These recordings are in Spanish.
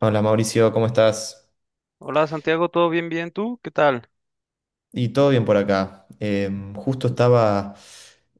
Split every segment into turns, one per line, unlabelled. Hola Mauricio, ¿cómo estás?
Hola Santiago, ¿todo bien, bien? ¿Tú qué tal?
Y todo bien por acá. Justo estaba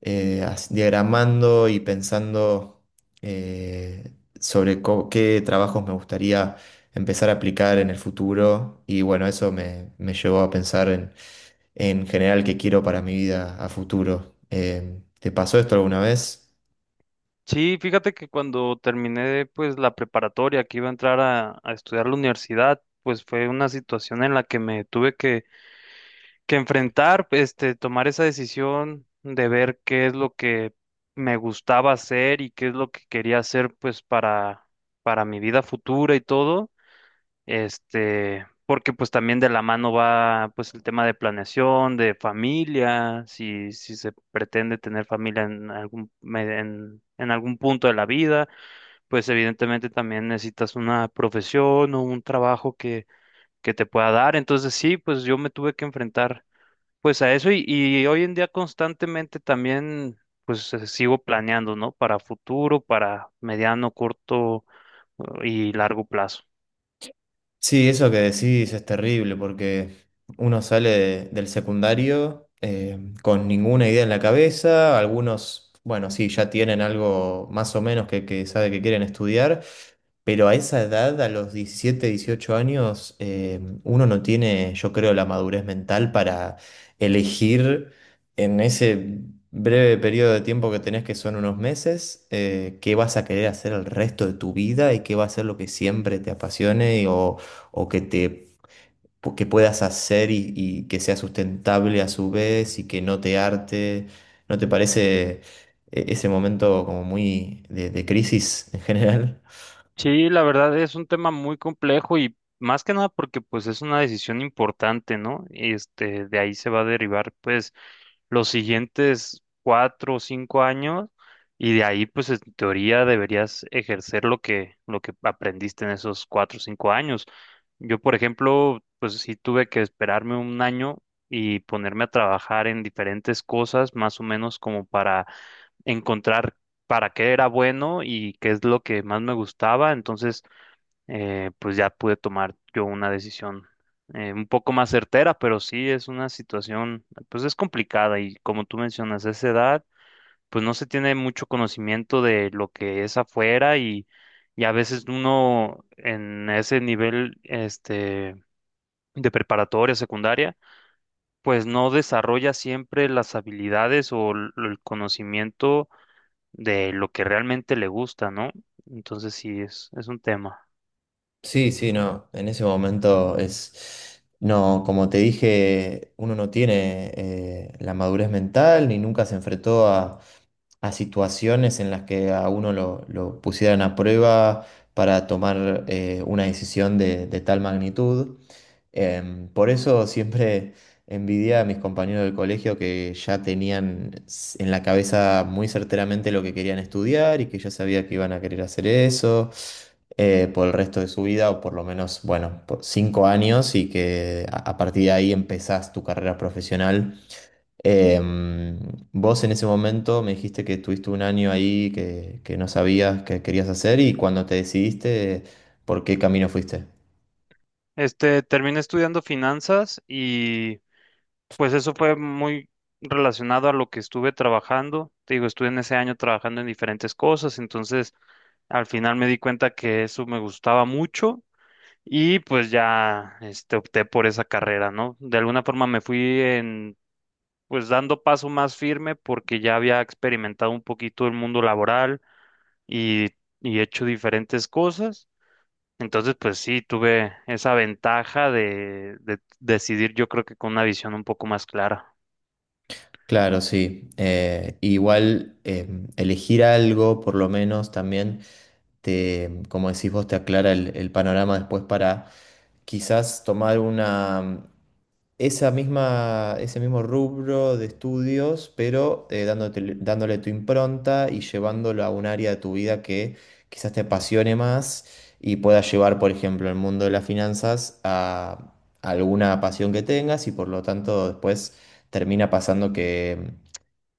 diagramando y pensando eh, qué trabajos me gustaría empezar a aplicar en el futuro. Y bueno, eso me llevó a pensar en general qué quiero para mi vida a futuro. ¿Te pasó esto alguna vez?
Sí, fíjate que cuando terminé pues la preparatoria que iba a entrar a estudiar la universidad, pues fue una situación en la que me tuve que enfrentar, este, tomar esa decisión de ver qué es lo que me gustaba hacer y qué es lo que quería hacer pues para mi vida futura y todo. Este, porque pues también de la mano va pues el tema de planeación, de familia, si se pretende tener familia en en algún punto de la vida, pues evidentemente también necesitas una profesión o un trabajo que te pueda dar. Entonces sí, pues yo me tuve que enfrentar pues a eso y hoy en día constantemente también pues sigo planeando, ¿no? Para futuro, para mediano, corto y largo plazo.
Sí, eso que decís es terrible porque uno sale del secundario con ninguna idea en la cabeza. Algunos, bueno, sí, ya tienen algo más o menos que sabe que quieren estudiar, pero a esa edad, a los 17, 18 años, uno no tiene, yo creo, la madurez mental para elegir en ese breve periodo de tiempo que tenés, que son unos meses, qué vas a querer hacer el resto de tu vida y qué va a ser lo que siempre te apasione o, o que te, que puedas hacer y que sea sustentable a su vez y que no te harte. ¿No te parece ese momento como muy de crisis en general?
Sí, la verdad es un tema muy complejo y más que nada porque pues es una decisión importante, ¿no? Y este, de ahí se va a derivar pues los siguientes cuatro o cinco años y de ahí pues en teoría deberías ejercer lo que aprendiste en esos cuatro o cinco años. Yo, por ejemplo, pues sí tuve que esperarme un año y ponerme a trabajar en diferentes cosas, más o menos como para encontrar para qué era bueno y qué es lo que más me gustaba. Entonces, pues ya pude tomar yo una decisión un poco más certera, pero sí es una situación, pues es complicada y como tú mencionas, a esa edad, pues no se tiene mucho conocimiento de lo que es afuera y a veces uno en ese nivel, este, de preparatoria, secundaria, pues no desarrolla siempre las habilidades o el conocimiento de lo que realmente le gusta, ¿no? Entonces sí, es un tema.
Sí, sí, no, en ese momento es, no, como te dije, uno no tiene la madurez mental ni nunca se enfrentó a situaciones en las que a uno lo pusieran a prueba para tomar una decisión de tal magnitud. Por eso siempre envidia a mis compañeros del colegio que ya tenían en la cabeza muy certeramente lo que querían estudiar y que ya sabía que iban a querer hacer eso por el resto de su vida, o por lo menos, bueno, por cinco años, y que a partir de ahí empezás tu carrera profesional. Em, Vos en ese momento me dijiste que tuviste un año ahí que no sabías qué querías hacer y cuando te decidiste, ¿por qué camino fuiste?
Este, terminé estudiando finanzas y pues eso fue muy relacionado a lo que estuve trabajando. Te digo, estuve en ese año trabajando en diferentes cosas, entonces al final me di cuenta que eso me gustaba mucho y pues ya este, opté por esa carrera, ¿no? De alguna forma me fui en, pues dando paso más firme porque ya había experimentado un poquito el mundo laboral y, y he hecho diferentes cosas. Entonces, pues sí, tuve esa ventaja de decidir, yo creo que con una visión un poco más clara.
Claro, sí. Igual, elegir algo, por lo menos también, te, como decís vos, te aclara el panorama después para quizás tomar una, esa misma, ese mismo rubro de estudios, pero dándole tu impronta y llevándolo a un área de tu vida que quizás te apasione más y puedas llevar, por ejemplo, el mundo de las finanzas a alguna pasión que tengas, y por lo tanto después termina pasando que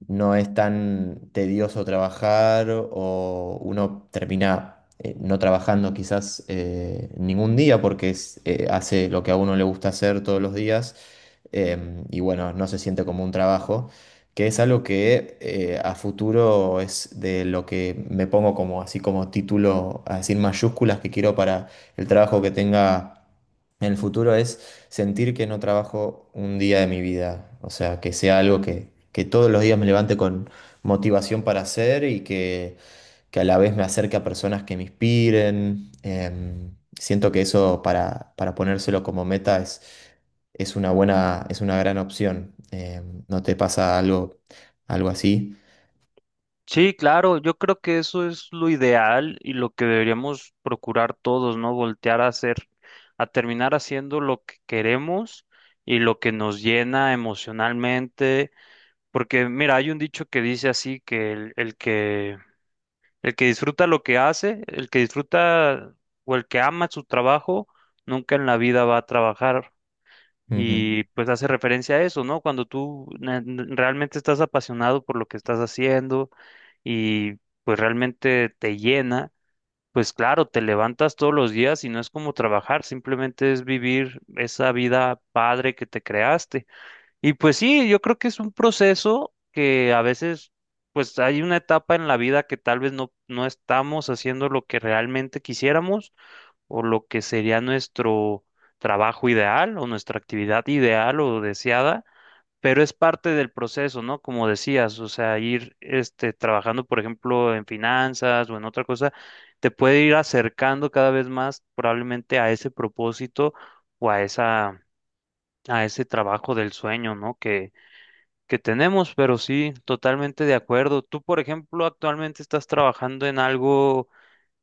no es tan tedioso trabajar, o uno termina... no trabajando quizás ningún día porque es, hace lo que a uno le gusta hacer todos los días. Y bueno, no se siente como un trabajo, que es algo que a futuro es de lo que me pongo como así como título, así en mayúsculas, que quiero para el trabajo que tenga. En el futuro es sentir que no trabajo un día de mi vida, o sea, que sea algo que todos los días me levante con motivación para hacer y que a la vez me acerque a personas que me inspiren. Siento que eso para ponérselo como meta es una buena, es una gran opción. ¿No te pasa algo, algo así?
Sí, claro, yo creo que eso es lo ideal y lo que deberíamos procurar todos, ¿no? Voltear a hacer, a terminar haciendo lo que queremos y lo que nos llena emocionalmente. Porque, mira, hay un dicho que dice así que el que El que disfruta lo que hace, el que disfruta o el que ama su trabajo, nunca en la vida va a trabajar.
Ujú.
Y pues hace referencia a eso, ¿no? Cuando tú realmente estás apasionado por lo que estás haciendo y pues realmente te llena, pues claro, te levantas todos los días y no es como trabajar, simplemente es vivir esa vida padre que te creaste. Y pues sí, yo creo que es un proceso que a veces, pues hay una etapa en la vida que tal vez no estamos haciendo lo que realmente quisiéramos o lo que sería nuestro trabajo ideal o nuestra actividad ideal o deseada, pero es parte del proceso, ¿no? Como decías, o sea, ir este, trabajando, por ejemplo, en finanzas o en otra cosa, te puede ir acercando cada vez más probablemente a ese propósito o a esa, a ese trabajo del sueño, ¿no? Que tenemos, pero sí, totalmente de acuerdo. Tú, por ejemplo, actualmente estás trabajando en algo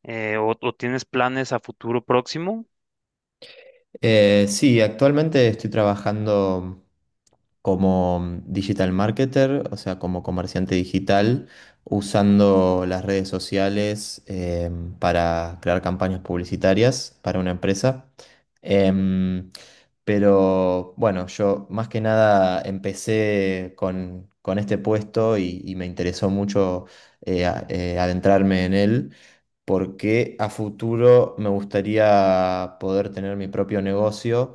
o tienes planes a futuro próximo.
Sí, actualmente estoy trabajando como digital marketer, o sea, como comerciante digital, usando las redes sociales para crear campañas publicitarias para una empresa. Em, pero bueno, yo más que nada empecé con este puesto y me interesó mucho adentrarme en él, porque a futuro me gustaría poder tener mi propio negocio,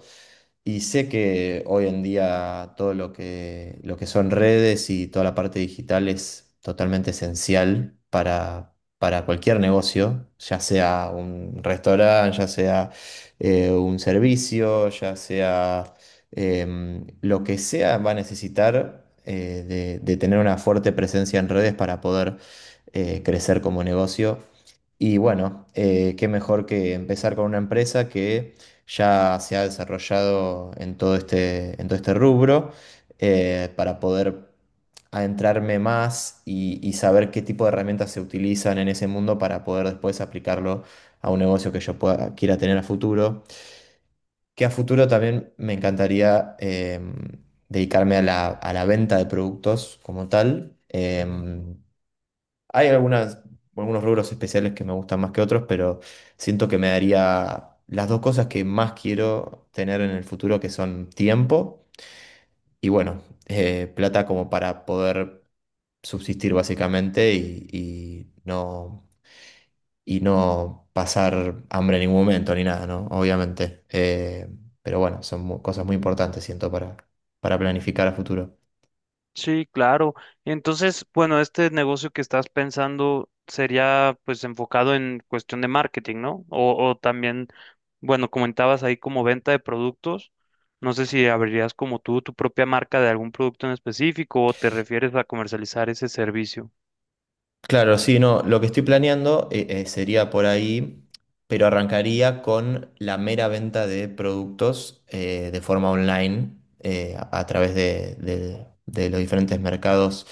y sé que hoy en día todo lo lo que son redes y toda la parte digital es totalmente esencial para cualquier negocio, ya sea un restaurante, ya sea un servicio, ya sea lo que sea, va a necesitar de tener una fuerte presencia en redes para poder crecer como negocio. Y bueno, qué mejor que empezar con una empresa que ya se ha desarrollado en en todo este rubro, para poder adentrarme más y saber qué tipo de herramientas se utilizan en ese mundo, para poder después aplicarlo a un negocio que yo pueda, quiera tener a futuro. Que a futuro también me encantaría, dedicarme a a la venta de productos como tal. Hay algunas, algunos rubros especiales que me gustan más que otros, pero siento que me daría las dos cosas que más quiero tener en el futuro, que son tiempo y bueno, plata, como para poder subsistir básicamente y no pasar hambre en ningún momento ni nada, ¿no? Obviamente. Pero bueno, son cosas muy importantes, siento, para planificar a futuro.
Sí, claro. Entonces, bueno, este negocio que estás pensando sería pues enfocado en cuestión de marketing, ¿no? O también, bueno, comentabas ahí como venta de productos. No sé si abrirías como tú tu propia marca de algún producto en específico o te refieres a comercializar ese servicio.
Claro, sí, no, lo que estoy planeando sería por ahí, pero arrancaría con la mera venta de productos de forma online, a través de los diferentes mercados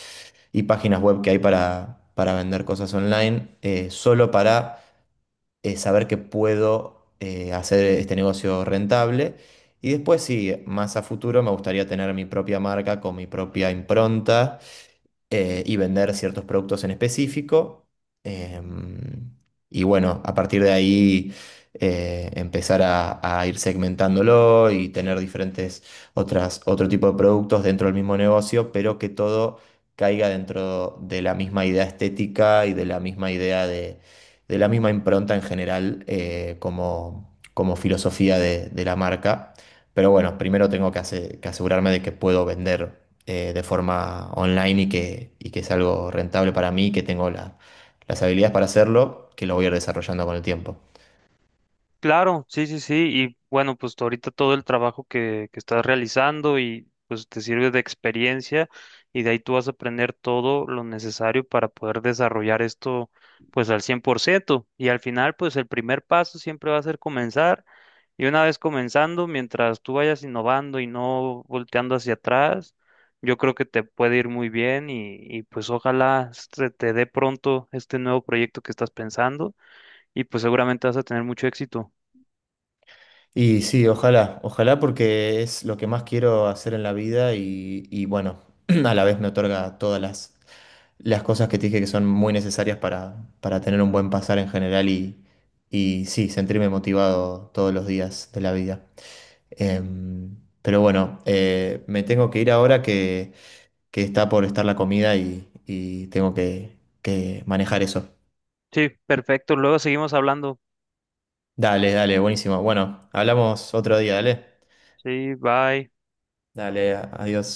y páginas web que hay para vender cosas online, solo para saber que puedo hacer este negocio rentable. Y después, sí, más a futuro me gustaría tener mi propia marca con mi propia impronta, y vender ciertos productos en específico. em, y bueno, a partir de ahí empezar a ir segmentándolo y tener diferentes otras, otro tipo de productos dentro del mismo negocio, pero que todo caiga dentro de la misma idea estética y de la misma idea de la misma impronta en general, como filosofía de la marca. Pero bueno, primero tengo que asegurarme de que puedo vender de forma online y que es algo rentable para mí, que tengo las habilidades para hacerlo, que lo voy a ir desarrollando con el tiempo.
Claro, sí, sí, sí. Y bueno, pues tú ahorita todo el trabajo que estás realizando y pues te sirve de experiencia y de ahí tú vas a aprender todo lo necesario para poder desarrollar esto pues al 100%. Y al final pues el primer paso siempre va a ser comenzar. Y una vez comenzando, mientras tú vayas innovando y no volteando hacia atrás, yo creo que te puede ir muy bien y pues ojalá se te dé pronto este nuevo proyecto que estás pensando y pues seguramente vas a tener mucho éxito.
Y sí, ojalá, ojalá, porque es lo que más quiero hacer en la vida y bueno, a la vez me otorga todas las cosas que te dije que son muy necesarias para tener un buen pasar en general y sí, sentirme motivado todos los días de la vida. Pero bueno, me tengo que ir ahora que está por estar la comida y tengo que manejar eso.
Sí, perfecto. Luego seguimos hablando.
Dale, dale, buenísimo. Bueno, hablamos otro día, dale.
Sí, bye.
Dale, adiós.